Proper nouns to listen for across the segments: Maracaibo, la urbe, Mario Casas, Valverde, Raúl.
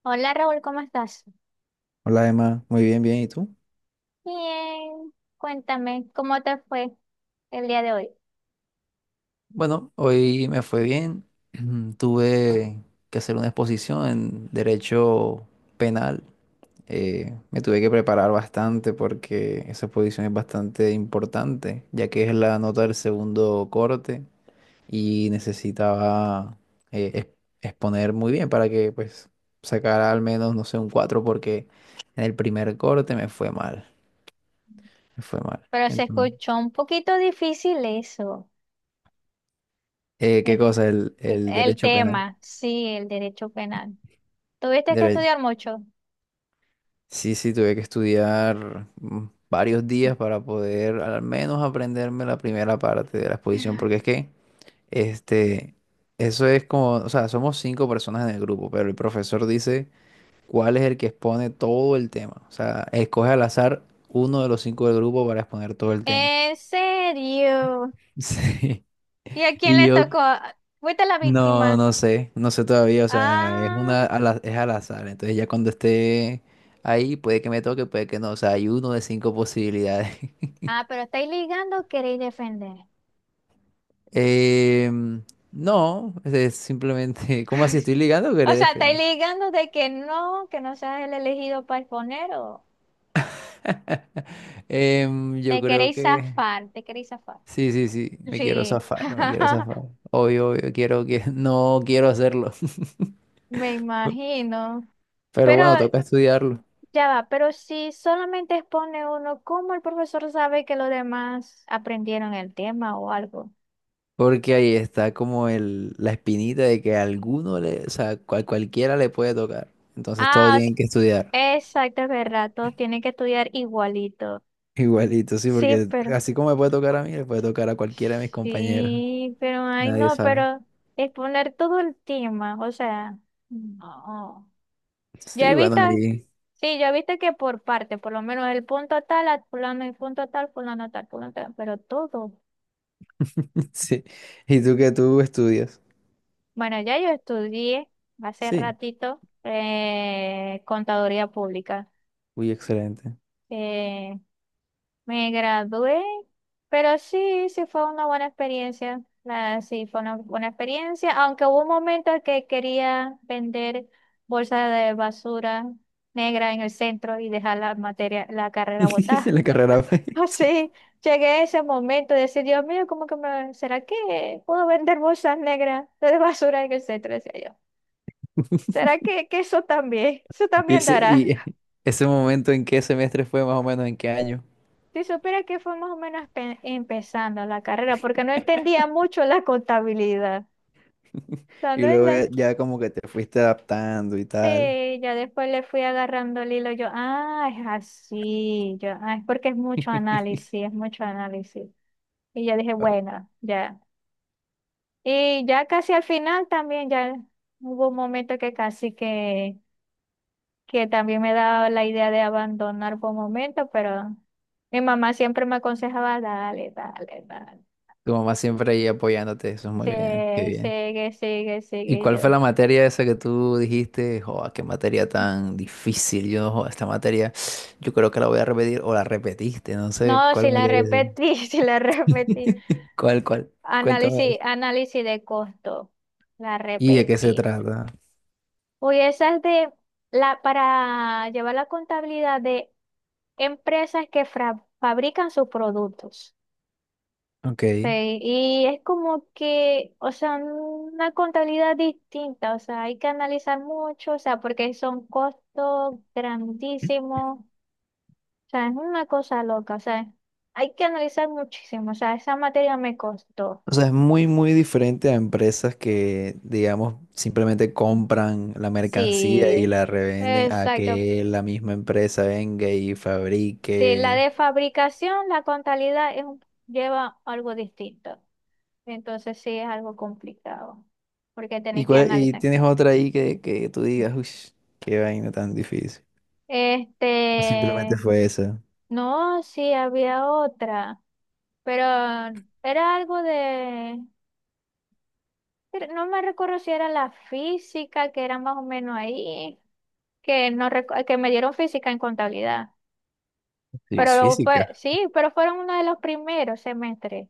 Hola Raúl, ¿cómo estás? Hola Emma, muy bien, bien. ¿Y tú? Bien, cuéntame, ¿cómo te fue el día de hoy? Bueno, hoy me fue bien. Tuve que hacer una exposición en derecho penal. Me tuve que preparar bastante porque esa exposición es bastante importante, ya que es la nota del segundo corte y necesitaba eh, ex- exponer muy bien para que pues sacara al menos, no sé, un 4 porque en el primer corte me fue mal, me fue mal. Pero se Entonces, escuchó un poquito difícil eso, eh, ¿qué cosa? El, el el derecho penal. tema, sí, el derecho penal. ¿Tuviste que Mira, estudiar mucho? sí, sí, tuve que estudiar varios días para poder al menos aprenderme la primera parte de la exposición, porque es que, este, eso es como, o sea, somos cinco personas en el grupo, pero el profesor dice cuál es el que expone todo el tema, o sea, escoge al azar uno de los cinco del grupo para exponer todo el tema. ¿En serio? Sí, ¿Y a quién y le yo tocó? ¿Fuiste la no, víctima? no sé, no sé todavía, o sea, Ah, es al azar, entonces ya cuando esté ahí puede que me toque, puede que no, o sea, hay uno de cinco posibilidades. ah, pero estáis ligando, queréis defender. Em, no, es simplemente, ¿cómo así estoy ligando que O le sea, estáis defiendo? ligando de que no seas el elegido para exponer o... Yo Te creo queréis que zafar, te queréis zafar. sí, sí, sí, me quiero Sí, zafar, me quiero zafar. Obvio, obvio, quiero que no quiero hacerlo, me imagino. pero Pero bueno, toca estudiarlo. ya va, pero si solamente expone uno, ¿cómo el profesor sabe que los demás aprendieron el tema o algo? Porque ahí está como el, la espinita de que a alguno le, o sea, cualquiera le puede tocar. Entonces todos Ah, s- tienen que estudiar. exacto, es verdad, todos tienen que estudiar igualito. Igualito, sí, Sí, porque pero así como me puede tocar a mí, le puede tocar a cualquiera de mis compañeros. sí, pero ay Nadie no, sabe. pero exponer todo el tema, o sea, no. ¿Ya Sí, bueno, visto? ahí. Sí, ya viste que por parte, por lo menos el punto tal, a fulano, el punto tal, fulano tal, fulano tal, pero todo. Sí. ¿Y tú qué tú estudias? Bueno, ya yo estudié hace Sí. ratito contaduría pública. Uy, excelente. Eh, me gradué, pero sí, sí fue una buena experiencia. Sí, fue una buena experiencia, aunque hubo un momento en que quería vender bolsas de basura negra en el centro y dejar la materia, la carrera botada. La carrera. Sí. Así llegué a ese momento de decir, Dios mío, ¿cómo que me, será que puedo vender bolsas negras de basura en el centro? Decía yo. ¿Será que eso Y también ese, dará? y ese momento en qué semestre fue más o menos, en qué año. Si supiera que fue más o menos empezando la carrera, porque no entendía mucho la contabilidad. O sea, Y no es luego ya, ya como que te fuiste adaptando y tal. Sí, ya después le fui agarrando el hilo, yo, ah, es así, yo, ah, es porque es mucho análisis, es mucho análisis. Y ya dije, bueno, ya. Y ya casi al final también, ya hubo un momento que casi que también me daba la idea de abandonar por un momento, pero mi mamá siempre me aconsejaba, dale, dale, dale, Tu mamá siempre ahí apoyándote, eso es sí muy bien, qué bien. sigue, sigue, ¿Y sigue, y cuál yo. fue la materia esa que tú dijiste? ¡Joa! Qué materia tan difícil. Yo, joda, esta materia, yo creo que la voy a repetir o la repetiste, no sé No, si cuál la materia es. repetí, si la repetí. ¿Cuál, cuál? Cuéntame. Análisis, análisis de costo, la ¿Y de qué se repetí. trata? Uy, esa es de la, para llevar la contabilidad de empresas que fabrican sus productos. Ok. Sí, y es como que, o sea, una contabilidad distinta, o sea, hay que analizar mucho, o sea, porque son costos grandísimos, o sea, es una cosa loca, o sea, hay que analizar muchísimo, o sea, esa materia me costó. O sea, es muy, muy diferente a empresas que, digamos, simplemente compran la mercancía y la Sí, revenden a exacto. que la misma empresa venga y Sí, la fabrique. de fabricación, la contabilidad es lleva algo distinto, entonces sí es algo complicado, porque ¿Y, tenéis que y analizar. tienes otra ahí que, tú digas, uy, qué vaina tan difícil? ¿O simplemente Este, fue esa? no, sí, había otra, pero era algo de, pero no me recuerdo si era la física, que era más o menos ahí, que, no, que me dieron física en contabilidad, Sí, es pero fue, física. sí, pero fueron uno de los primeros semestres,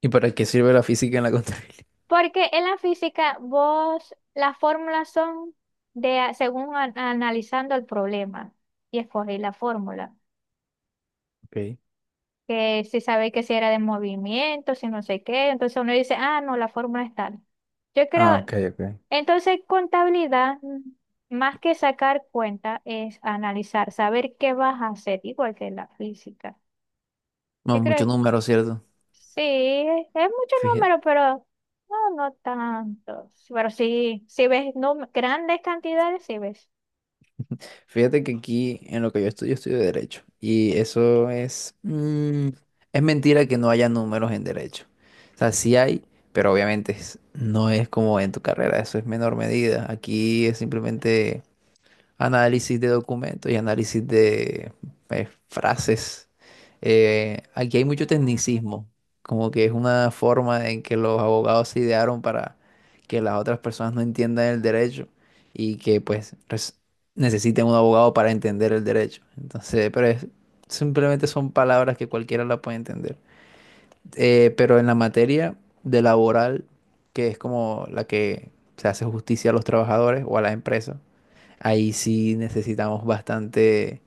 ¿Y para qué sirve la física en la contabilidad? porque en la física vos, las fórmulas son de, según analizando el problema, y escogí la fórmula. Ok. Que si sabe que si era de movimiento, si no sé qué, entonces uno dice, ah, no, la fórmula es tal. Yo Ah, ok, creo, ok. entonces contabilidad, más que sacar cuenta, es analizar, saber qué vas a hacer, igual que la física. No, Yo muchos creo, números, ¿cierto? sí, es mucho Fíjate, número, pero no, no tanto. Pero sí, si ves grandes cantidades, sí ves. fíjate que aquí en lo que yo estudio, estudio derecho. Y eso es... mm, es mentira que no haya números en derecho. O sea, sí hay, pero obviamente no es como en tu carrera, eso es menor medida. Aquí es simplemente análisis de documentos y análisis de frases. Aquí hay mucho tecnicismo, como que es una forma en que los abogados se idearon para que las otras personas no entiendan el derecho y que pues necesiten un abogado para entender el derecho. Entonces, simplemente son palabras que cualquiera la puede entender. Pero en la materia de laboral, que es como la que se hace justicia a los trabajadores o a las empresas, ahí sí necesitamos bastante,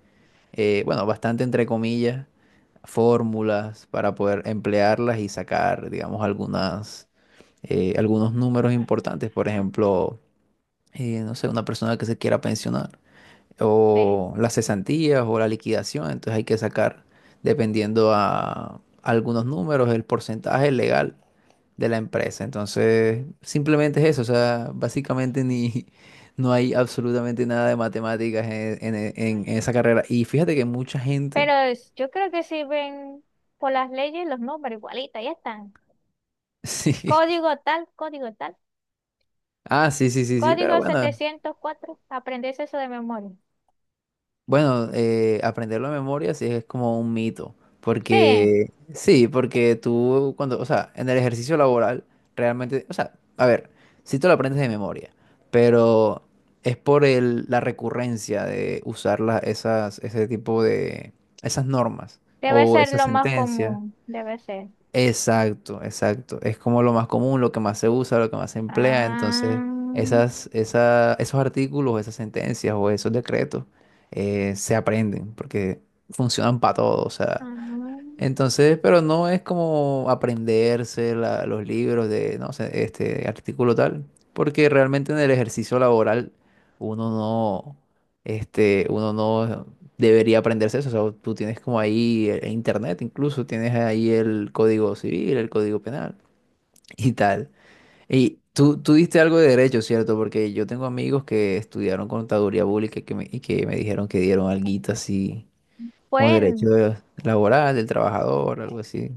bueno, bastante entre comillas, fórmulas para poder emplearlas y sacar, digamos, algunas, algunos números importantes. Por ejemplo, no sé, una persona que se quiera pensionar Sí. o las cesantías o la liquidación. Entonces hay que sacar, dependiendo a algunos números, el porcentaje legal de la empresa. Entonces, simplemente es eso, o sea, básicamente ni, no hay absolutamente nada de matemáticas en esa carrera. Y fíjate que mucha gente, Pero yo creo que si ven por las leyes los números igualitas, ya están. sí, Código tal, código tal. ah, sí, sí, sí, sí, pero Código bueno, 704 aprendes eso de memoria. bueno, aprenderlo de memoria sí es como un mito, Sí, porque sí, porque tú cuando, o sea, en el ejercicio laboral realmente, o sea, a ver, sí te lo aprendes de memoria, pero es por el, la recurrencia de usar esas, ese tipo de, esas normas debe o ser esas lo más sentencias. común, debe ser. Exacto, exacto. Es como lo más común, lo que más se usa, lo que más se emplea. Ah, Entonces, esas, esos artículos, esas sentencias o esos decretos se aprenden porque funcionan para todo. O sea, ah, entonces, pero no es como aprenderse los libros de, no sé, este artículo tal, porque realmente en el ejercicio laboral uno no, uno no debería aprenderse eso. O sea, tú tienes como ahí el internet, incluso tienes ahí el código civil, el código penal y tal. Y tú diste algo de derecho, ¿cierto? Porque yo tengo amigos que estudiaron contaduría pública y que me dijeron que dieron alguito así como bueno, derechos laborales del trabajador, algo así,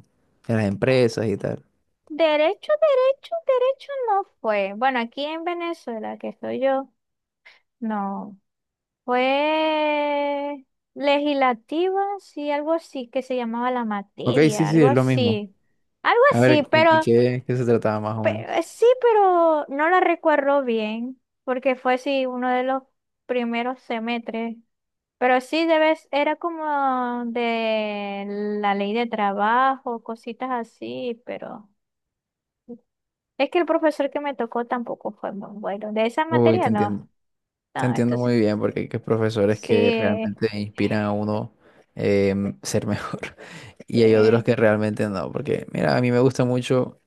de las empresas y tal. derecho, derecho, derecho no fue. Bueno, aquí en Venezuela, que soy yo, no. Fue legislativa, sí, algo así, que se llamaba la Ok, sí, materia, sí, algo es lo mismo. así. Algo A así, ver, ¿y pero qué se trataba más o menos? Pero, sí, pero no la recuerdo bien, porque fue sí uno de los primeros semestres. Pero sí debes, era como de la ley de trabajo, cositas así, pero es que el profesor que me tocó tampoco fue muy bueno. De esa Uy, te materia entiendo. no. Te No, entiendo entonces, muy bien porque hay que profesores que sí, realmente inspiran a uno ser mejor sí, y hay otros que realmente no, porque mira, a mí me gusta mucho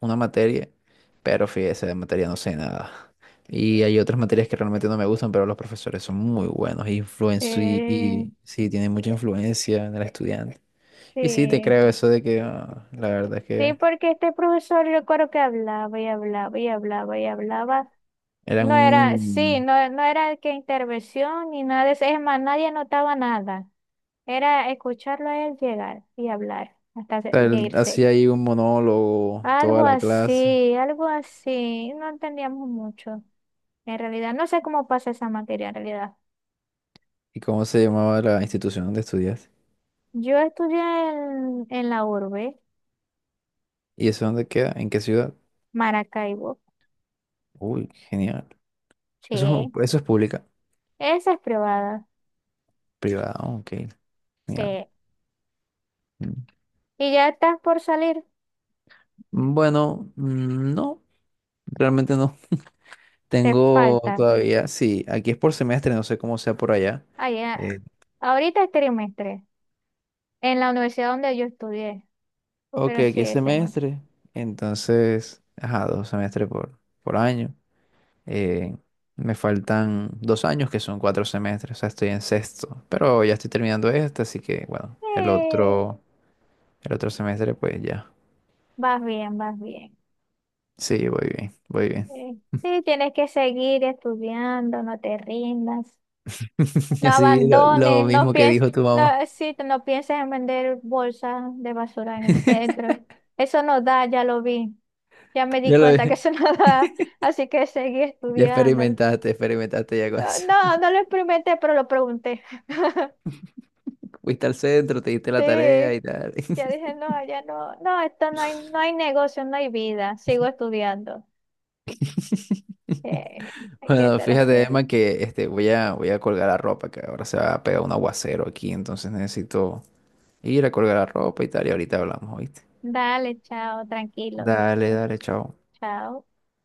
una materia, pero fíjese, de materia no sé nada. Y hay otras materias que realmente no me gustan, pero los profesores son muy buenos, influencio y, sí, y sí, tienen mucha influencia en el estudiante. Y sí, te sí. creo eso de que ah, la verdad es Sí, que porque este profesor yo recuerdo que hablaba y hablaba y hablaba y hablaba. era No era, sí, un... no, no era que intervención ni nada de eso. Es más, nadie notaba nada. Era escucharlo a él llegar y hablar hasta o sea, de él irse. hacía ahí un monólogo toda Algo la clase. así, algo así. No entendíamos mucho. En realidad, no sé cómo pasa esa materia en realidad. ¿Y cómo se llamaba la institución donde estudias? Yo estudié en la urbe, ¿Y eso dónde queda? ¿En qué ciudad? Maracaibo. Uy, genial. Eso, Sí. Eso es pública. Esa es privada. Privada, ok. Genial. Sí. Mm. Y ya estás por salir. Bueno, no. Realmente no. Te Tengo falta. todavía, sí, aquí es por semestre, no sé cómo sea por allá. Allá. Eh, Ahorita es trimestre. En la universidad donde yo estudié, ok, pero sí, aquí es ese bueno. semestre, entonces, ajá, 2 semestres por año. Eh, Me faltan 2 años, que son 4 semestres, o sea, estoy en sexto, pero ya estoy terminando este, así que, bueno, el Eh, otro, el otro semestre, pues ya. vas bien, vas bien. Sí, voy bien, voy bien. Eh, sí, tienes que seguir estudiando, no te rindas, no Así lo abandones, no mismo que pienses, dijo tu no, mamá. sí, no pienses en vender bolsas de basura en el centro. Eso no da, ya lo vi. Ya me di Ya lo, cuenta que eso no da, así que seguí ya estudiando. experimentaste ya con Ah, eso. no, no lo experimenté, pero lo pregunté. Fuiste al centro, te diste la tarea Sí. y tal. Yo dije, no, ya no, no, esto no hay, no hay negocio, no hay vida, sigo estudiando. Eh, hay que Bueno, ser fíjate, así. Emma, que este, voy a colgar la ropa, que ahora se va a pegar un aguacero aquí, entonces necesito ir a colgar la ropa y tal, y ahorita hablamos, ¿oíste? Dale, chao, tranquilo. Dale, dale, chao. Chao.